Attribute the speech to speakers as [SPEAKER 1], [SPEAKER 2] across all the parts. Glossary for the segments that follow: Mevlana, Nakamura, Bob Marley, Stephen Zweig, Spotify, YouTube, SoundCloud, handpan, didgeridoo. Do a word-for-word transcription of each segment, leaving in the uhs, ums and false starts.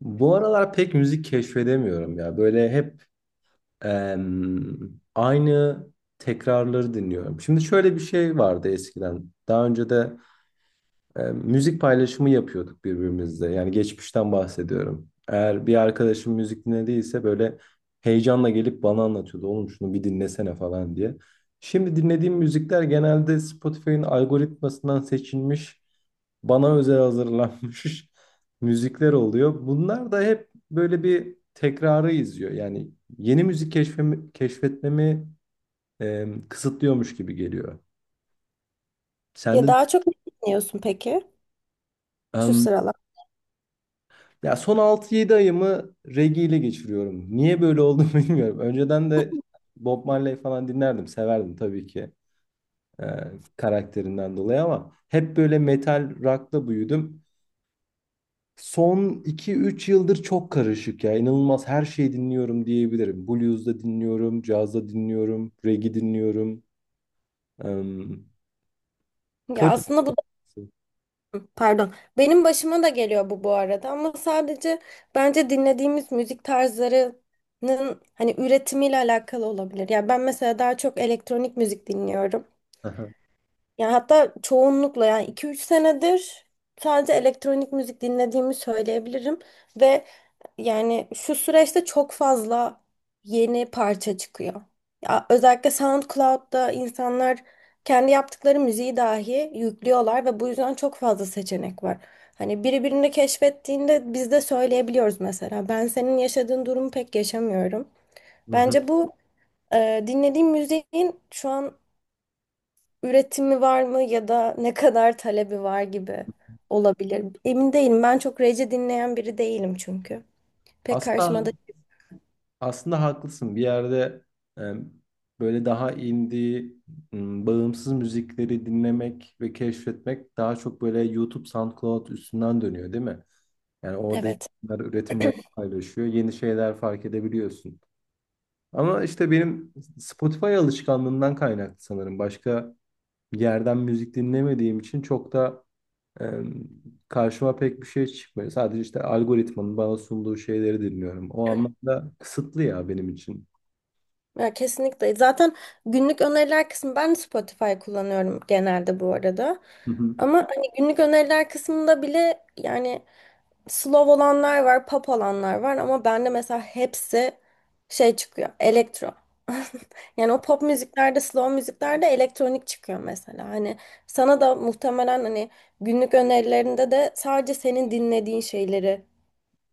[SPEAKER 1] Bu aralar pek müzik keşfedemiyorum ya. Böyle hep em, aynı tekrarları dinliyorum. Şimdi şöyle bir şey vardı eskiden. Daha önce de e, müzik paylaşımı yapıyorduk birbirimizle. Yani geçmişten bahsediyorum. Eğer bir arkadaşım müzik dinlediyse böyle heyecanla gelip bana anlatıyordu. Oğlum şunu bir dinlesene falan diye. Şimdi dinlediğim müzikler genelde Spotify'ın algoritmasından seçilmiş, bana özel hazırlanmış müzikler oluyor. Bunlar da hep böyle bir tekrarı izliyor. Yani yeni müzik keşfemi, keşfetmemi e, kısıtlıyormuş gibi geliyor. Sen
[SPEAKER 2] Ya
[SPEAKER 1] de.
[SPEAKER 2] daha çok ne dinliyorsun peki şu sıralar?
[SPEAKER 1] Ya son altı yedi ayımı reggae ile geçiriyorum. Niye böyle oldu bilmiyorum. Önceden de Bob Marley falan dinlerdim, severdim tabii ki, e, karakterinden dolayı ama hep böyle metal rock'la büyüdüm. Son iki üç yıldır çok karışık ya. İnanılmaz her şeyi dinliyorum diyebilirim. Blues da dinliyorum, caz da dinliyorum, reggae dinliyorum. Em,
[SPEAKER 2] Ya
[SPEAKER 1] Karışık.
[SPEAKER 2] aslında bu da pardon. Benim başıma da geliyor bu bu arada ama sadece bence dinlediğimiz müzik tarzlarının hani üretimiyle alakalı olabilir. Ya ben mesela daha çok elektronik müzik dinliyorum. Yani hatta çoğunlukla yani iki üç senedir sadece elektronik müzik dinlediğimi söyleyebilirim ve yani şu süreçte çok fazla yeni parça çıkıyor. Ya özellikle SoundCloud'da insanlar kendi yaptıkları müziği dahi yüklüyorlar ve bu yüzden çok fazla seçenek var. Hani biri birini keşfettiğinde biz de söyleyebiliyoruz mesela. Ben senin yaşadığın durumu pek yaşamıyorum.
[SPEAKER 1] Hı hı.
[SPEAKER 2] Bence bu e, dinlediğim müziğin şu an üretimi var mı ya da ne kadar talebi var gibi olabilir. Emin değilim. Ben çok rece dinleyen biri değilim çünkü. Pek karşıma
[SPEAKER 1] Aslında
[SPEAKER 2] da
[SPEAKER 1] Aslında haklısın. Bir yerde e, böyle daha indie, m, bağımsız müzikleri dinlemek ve keşfetmek daha çok böyle YouTube, SoundCloud üstünden dönüyor, değil mi? Yani orada
[SPEAKER 2] evet.
[SPEAKER 1] insanlar üretimleri paylaşıyor, yeni şeyler fark edebiliyorsun. Ama işte benim Spotify alışkanlığından kaynaklı sanırım. Başka yerden müzik dinlemediğim için çok da e, karşıma pek bir şey çıkmıyor. Sadece işte algoritmanın bana sunduğu şeyleri dinliyorum. O anlamda kısıtlı ya benim için.
[SPEAKER 2] Ya kesinlikle. Zaten günlük öneriler kısmı ben Spotify kullanıyorum genelde bu arada.
[SPEAKER 1] Hı hı.
[SPEAKER 2] Ama hani günlük öneriler kısmında bile yani slow olanlar var, pop olanlar var ama bende mesela hepsi şey çıkıyor, elektro. Yani o pop müziklerde, slow müziklerde elektronik çıkıyor mesela. Hani sana da muhtemelen hani günlük önerilerinde de sadece senin dinlediğin şeyleri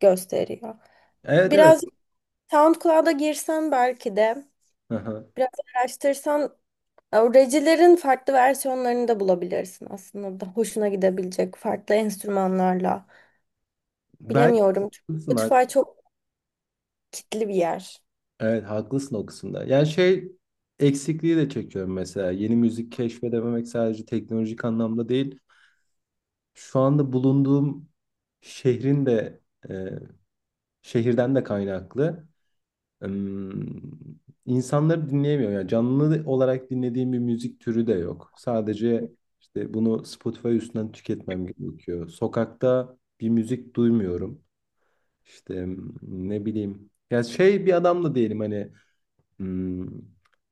[SPEAKER 2] gösteriyor.
[SPEAKER 1] Evet, evet.
[SPEAKER 2] Biraz SoundCloud'a girsen belki de
[SPEAKER 1] Hı hı.
[SPEAKER 2] biraz araştırsan recilerin farklı versiyonlarını da bulabilirsin aslında da hoşuna gidebilecek farklı enstrümanlarla.
[SPEAKER 1] Belki
[SPEAKER 2] Bilemiyorum, çünkü
[SPEAKER 1] haklısın. ha-
[SPEAKER 2] Spotify çok kitli bir yer.
[SPEAKER 1] Evet, haklısın o kısımda. Yani şey eksikliği de çekiyorum mesela. Yeni müzik keşfedememek sadece teknolojik anlamda değil. Şu anda bulunduğum şehrin de e, şehirden de kaynaklı. Im, insanları dinleyemiyor. Yani canlı olarak dinlediğim bir müzik türü de yok. Sadece işte bunu Spotify üstünden tüketmem gerekiyor. Sokakta bir müzik duymuyorum. İşte ne bileyim. Ya şey bir adam da diyelim hani m,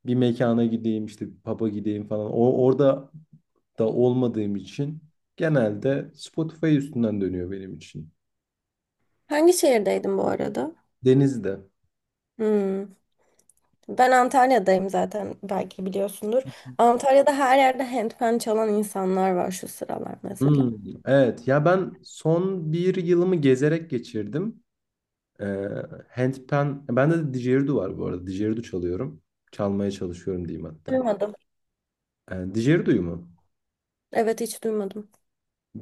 [SPEAKER 1] bir mekana gideyim işte bir pub'a gideyim falan. O orada da olmadığım için genelde Spotify üstünden dönüyor benim için.
[SPEAKER 2] Hangi şehirdeydin bu arada?
[SPEAKER 1] Denizde.
[SPEAKER 2] Hmm. Ben Antalya'dayım zaten belki biliyorsundur. Antalya'da her yerde handpan çalan insanlar var şu sıralar mesela.
[SPEAKER 1] Hmm, evet ya ben son bir yılımı gezerek geçirdim. Ee, Handpan, bende de didgeridoo var bu arada. Didgeridoo çalıyorum. Çalmaya çalışıyorum diyeyim hatta.
[SPEAKER 2] Duymadım.
[SPEAKER 1] Ee, Didgerido'yu mu?
[SPEAKER 2] Evet hiç duymadım.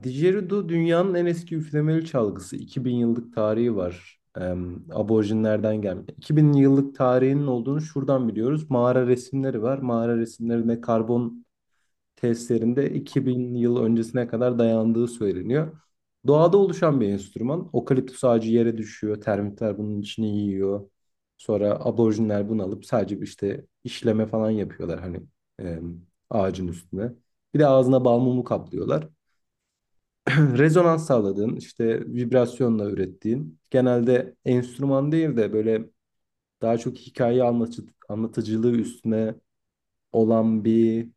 [SPEAKER 1] Didgeridoo dünyanın en eski üflemeli çalgısı. iki bin yıllık tarihi var. Em, aborjinlerden gelme. iki bin yıllık tarihinin olduğunu şuradan biliyoruz. Mağara resimleri var. Mağara resimlerinde karbon testlerinde iki bin yıl öncesine kadar dayandığı söyleniyor. Doğada oluşan bir enstrüman. Okaliptüs ağacı yere düşüyor. Termitler bunun içini yiyor. Sonra aborjinler bunu alıp sadece işte işleme falan yapıyorlar hani, em, ağacın üstüne. Bir de ağzına bal mumu kaplıyorlar. Rezonans sağladığın, işte vibrasyonla ürettiğin, genelde enstrüman değil de böyle daha çok hikaye anlatıcı, anlatıcılığı üstüne olan bir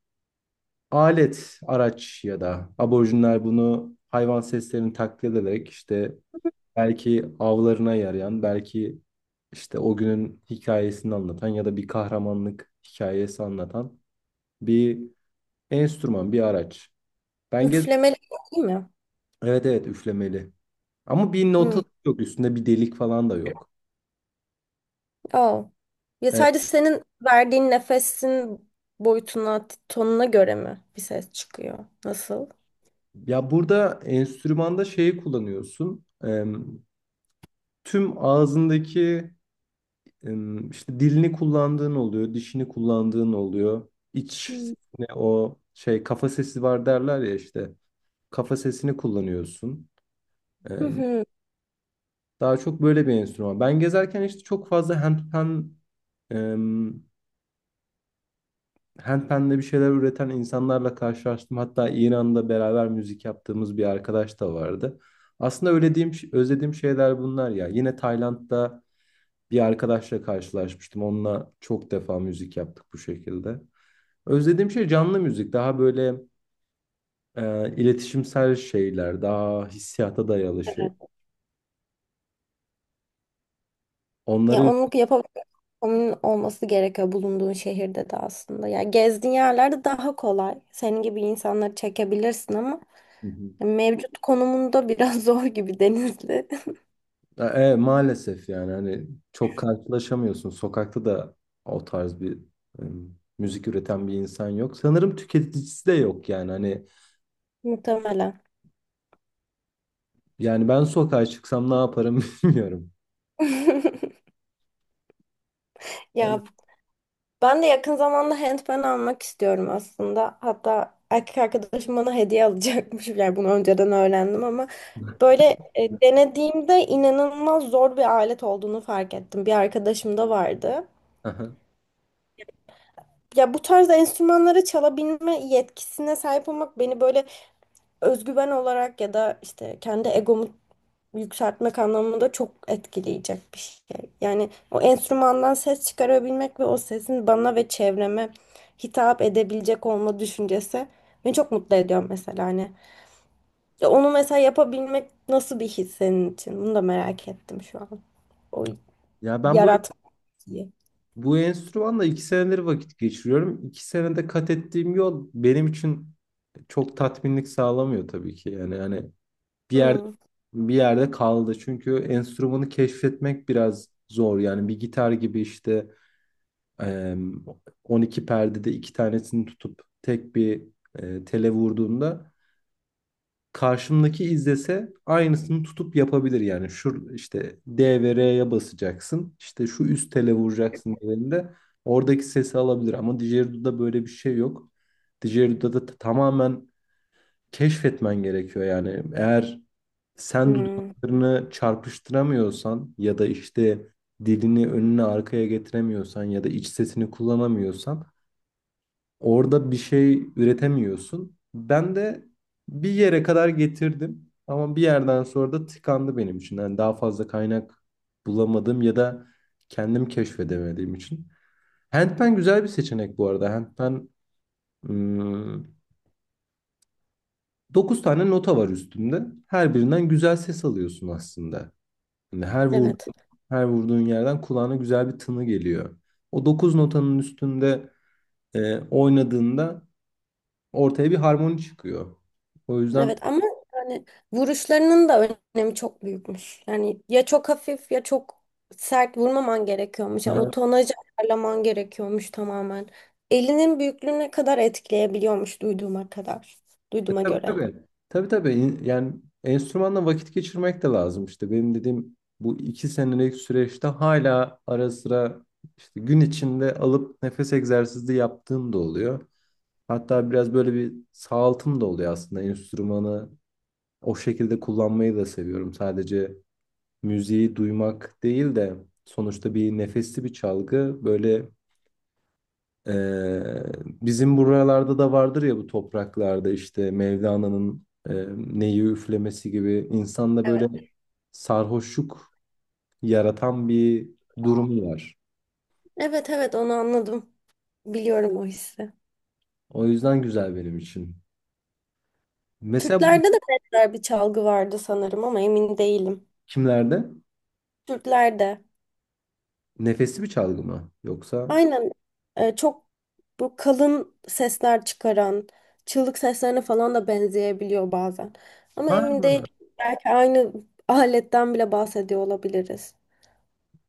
[SPEAKER 1] alet, araç ya da aborjinler bunu hayvan seslerini taklit ederek işte belki avlarına yarayan, belki işte o günün hikayesini anlatan ya da bir kahramanlık hikayesi anlatan bir enstrüman, bir araç. Ben gez
[SPEAKER 2] Üflemeli değil mi?
[SPEAKER 1] Evet, evet, üflemeli. Ama bir
[SPEAKER 2] Hı.
[SPEAKER 1] notası yok. Üstünde bir delik falan da yok.
[SPEAKER 2] Oh. Ya
[SPEAKER 1] E,
[SPEAKER 2] sadece senin verdiğin nefesin boyutuna, tonuna göre mi bir ses çıkıyor? Nasıl?
[SPEAKER 1] Ya burada enstrümanda şeyi kullanıyorsun. E, tüm ağzındaki e, işte dilini kullandığın oluyor, dişini kullandığın oluyor. İç
[SPEAKER 2] Hı.
[SPEAKER 1] Ne o şey, kafa sesi var derler ya işte. Kafa sesini kullanıyorsun. E,
[SPEAKER 2] Hı hı.
[SPEAKER 1] Daha çok böyle bir enstrüman. Ben gezerken işte çok fazla handpan e, handpan'de bir şeyler üreten insanlarla karşılaştım. Hatta İran'da beraber müzik yaptığımız bir arkadaş da vardı. Aslında öylediğim, özlediğim şeyler bunlar ya. Yine Tayland'da bir arkadaşla karşılaşmıştım. Onunla çok defa müzik yaptık bu şekilde. Özlediğim şey canlı müzik. Daha böyle e, iletişimsel şeyler, daha hissiyata dayalı şey.
[SPEAKER 2] Ya
[SPEAKER 1] Onları.
[SPEAKER 2] onu yapabilmek onun olması gerekiyor bulunduğun şehirde de aslında. Ya gezdiğin yerlerde daha kolay. Senin gibi insanları çekebilirsin ama
[SPEAKER 1] Hı hı.
[SPEAKER 2] mevcut konumunda biraz zor gibi Denizli.
[SPEAKER 1] Ya, E, maalesef yani hani çok karşılaşamıyorsun. Sokakta da o tarz bir em, müzik üreten bir insan yok. Sanırım tüketicisi de yok yani hani,
[SPEAKER 2] Muhtemelen.
[SPEAKER 1] yani ben sokağa çıksam ne yaparım bilmiyorum. Yani.
[SPEAKER 2] Ya ben de yakın zamanda handpan almak istiyorum aslında. Hatta erkek arkadaşım bana hediye alacakmış. Yani bunu önceden öğrendim ama böyle e, denediğimde inanılmaz zor bir alet olduğunu fark ettim. Bir arkadaşım da vardı.
[SPEAKER 1] Aha.
[SPEAKER 2] Ya bu tarzda enstrümanları çalabilme yetkisine sahip olmak beni böyle özgüven olarak ya da işte kendi egomu yükseltmek anlamında çok etkileyecek bir şey. Yani o enstrümandan ses çıkarabilmek ve o sesin bana ve çevreme hitap edebilecek olma düşüncesi beni çok mutlu ediyor mesela hani. Ya onu mesela yapabilmek nasıl bir his senin için? Bunu da merak ettim şu an. O
[SPEAKER 1] Ya ben bu
[SPEAKER 2] yaratmayı.
[SPEAKER 1] Bu enstrümanla iki senedir vakit geçiriyorum. İki senede kat ettiğim yol benim için çok tatminlik sağlamıyor tabii ki. Yani hani bir yerde
[SPEAKER 2] Hmm.
[SPEAKER 1] bir yerde kaldı. Çünkü enstrümanı keşfetmek biraz zor. Yani bir gitar gibi işte, Eee, on iki perdede iki tanesini tutup tek bir e, tele vurduğunda karşımdaki izlese aynısını tutup yapabilir yani. Şu işte D ve R'ye basacaksın, işte şu üst tele vuracaksın dediğinde oradaki sesi alabilir ama Digeridoo'da böyle bir şey yok. Digeridoo'da da tamamen keşfetmen gerekiyor yani. Eğer sen
[SPEAKER 2] Hmm.
[SPEAKER 1] dudaklarını çarpıştıramıyorsan ya da işte dilini önüne arkaya getiremiyorsan ya da iç sesini kullanamıyorsan orada bir şey üretemiyorsun. Ben de bir yere kadar getirdim ama bir yerden sonra da tıkandı benim için. Yani daha fazla kaynak bulamadım ya da kendim keşfedemediğim için. Handpen güzel bir seçenek bu arada. Handpen, hmm, dokuz tane nota var üstünde. Her birinden güzel ses alıyorsun aslında. Yani her vurduğun,
[SPEAKER 2] Evet.
[SPEAKER 1] her vurduğun yerden kulağına güzel bir tını geliyor. O dokuz notanın üstünde e, oynadığında ortaya bir harmoni çıkıyor. O yüzden.
[SPEAKER 2] Evet ama yani vuruşlarının da önemi çok büyükmüş. Yani ya çok hafif ya çok sert vurmaman gerekiyormuş. Yani o
[SPEAKER 1] Aha.
[SPEAKER 2] tonajı ayarlaman gerekiyormuş tamamen. Elinin büyüklüğüne kadar etkileyebiliyormuş duyduğuma kadar.
[SPEAKER 1] E,
[SPEAKER 2] Duyduğuma
[SPEAKER 1] tabii,
[SPEAKER 2] göre.
[SPEAKER 1] tabii. Tabii, tabii. İn- Yani enstrümanla vakit geçirmek de lazım. İşte benim dediğim bu iki senelik süreçte hala ara sıra işte gün içinde alıp nefes egzersizi yaptığım da oluyor. Hatta biraz böyle bir sağaltım da oluyor aslında. Enstrümanı o şekilde kullanmayı da seviyorum. Sadece müziği duymak değil de sonuçta bir nefesli bir çalgı böyle. Ee, Bizim buralarda da vardır ya bu topraklarda, işte Mevlana'nın e, neyi üflemesi gibi insanda
[SPEAKER 2] Evet.
[SPEAKER 1] böyle sarhoşluk yaratan bir durum var.
[SPEAKER 2] Evet evet onu anladım. Biliyorum o hissi.
[SPEAKER 1] O yüzden güzel benim için. Mesela bu
[SPEAKER 2] Türklerde de benzer bir çalgı vardı sanırım ama emin değilim.
[SPEAKER 1] kimlerde?
[SPEAKER 2] Türklerde.
[SPEAKER 1] Nefesli bir çalgı mı? Yoksa.
[SPEAKER 2] Aynen e, çok bu kalın sesler çıkaran, çığlık seslerine falan da benzeyebiliyor bazen. Ama
[SPEAKER 1] Ha.
[SPEAKER 2] emin değilim. Belki aynı aletten bile bahsediyor olabiliriz.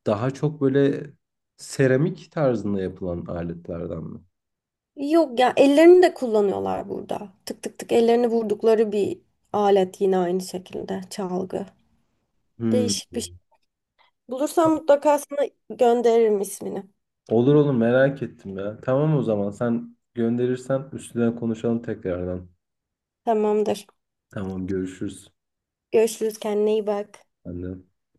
[SPEAKER 1] Daha çok böyle seramik tarzında yapılan aletlerden mi?
[SPEAKER 2] Yok ya ellerini de kullanıyorlar burada. Tık tık tık ellerini vurdukları bir alet yine aynı şekilde çalgı.
[SPEAKER 1] Hmm.
[SPEAKER 2] Değişik bir şey. Bulursam mutlaka sana gönderirim ismini.
[SPEAKER 1] Olur, olur, merak ettim ya. Tamam, o zaman sen gönderirsen üstüne konuşalım tekrardan.
[SPEAKER 2] Tamamdır.
[SPEAKER 1] Tamam, görüşürüz.
[SPEAKER 2] Görüşürüz kendine iyi bak.
[SPEAKER 1] Ben de.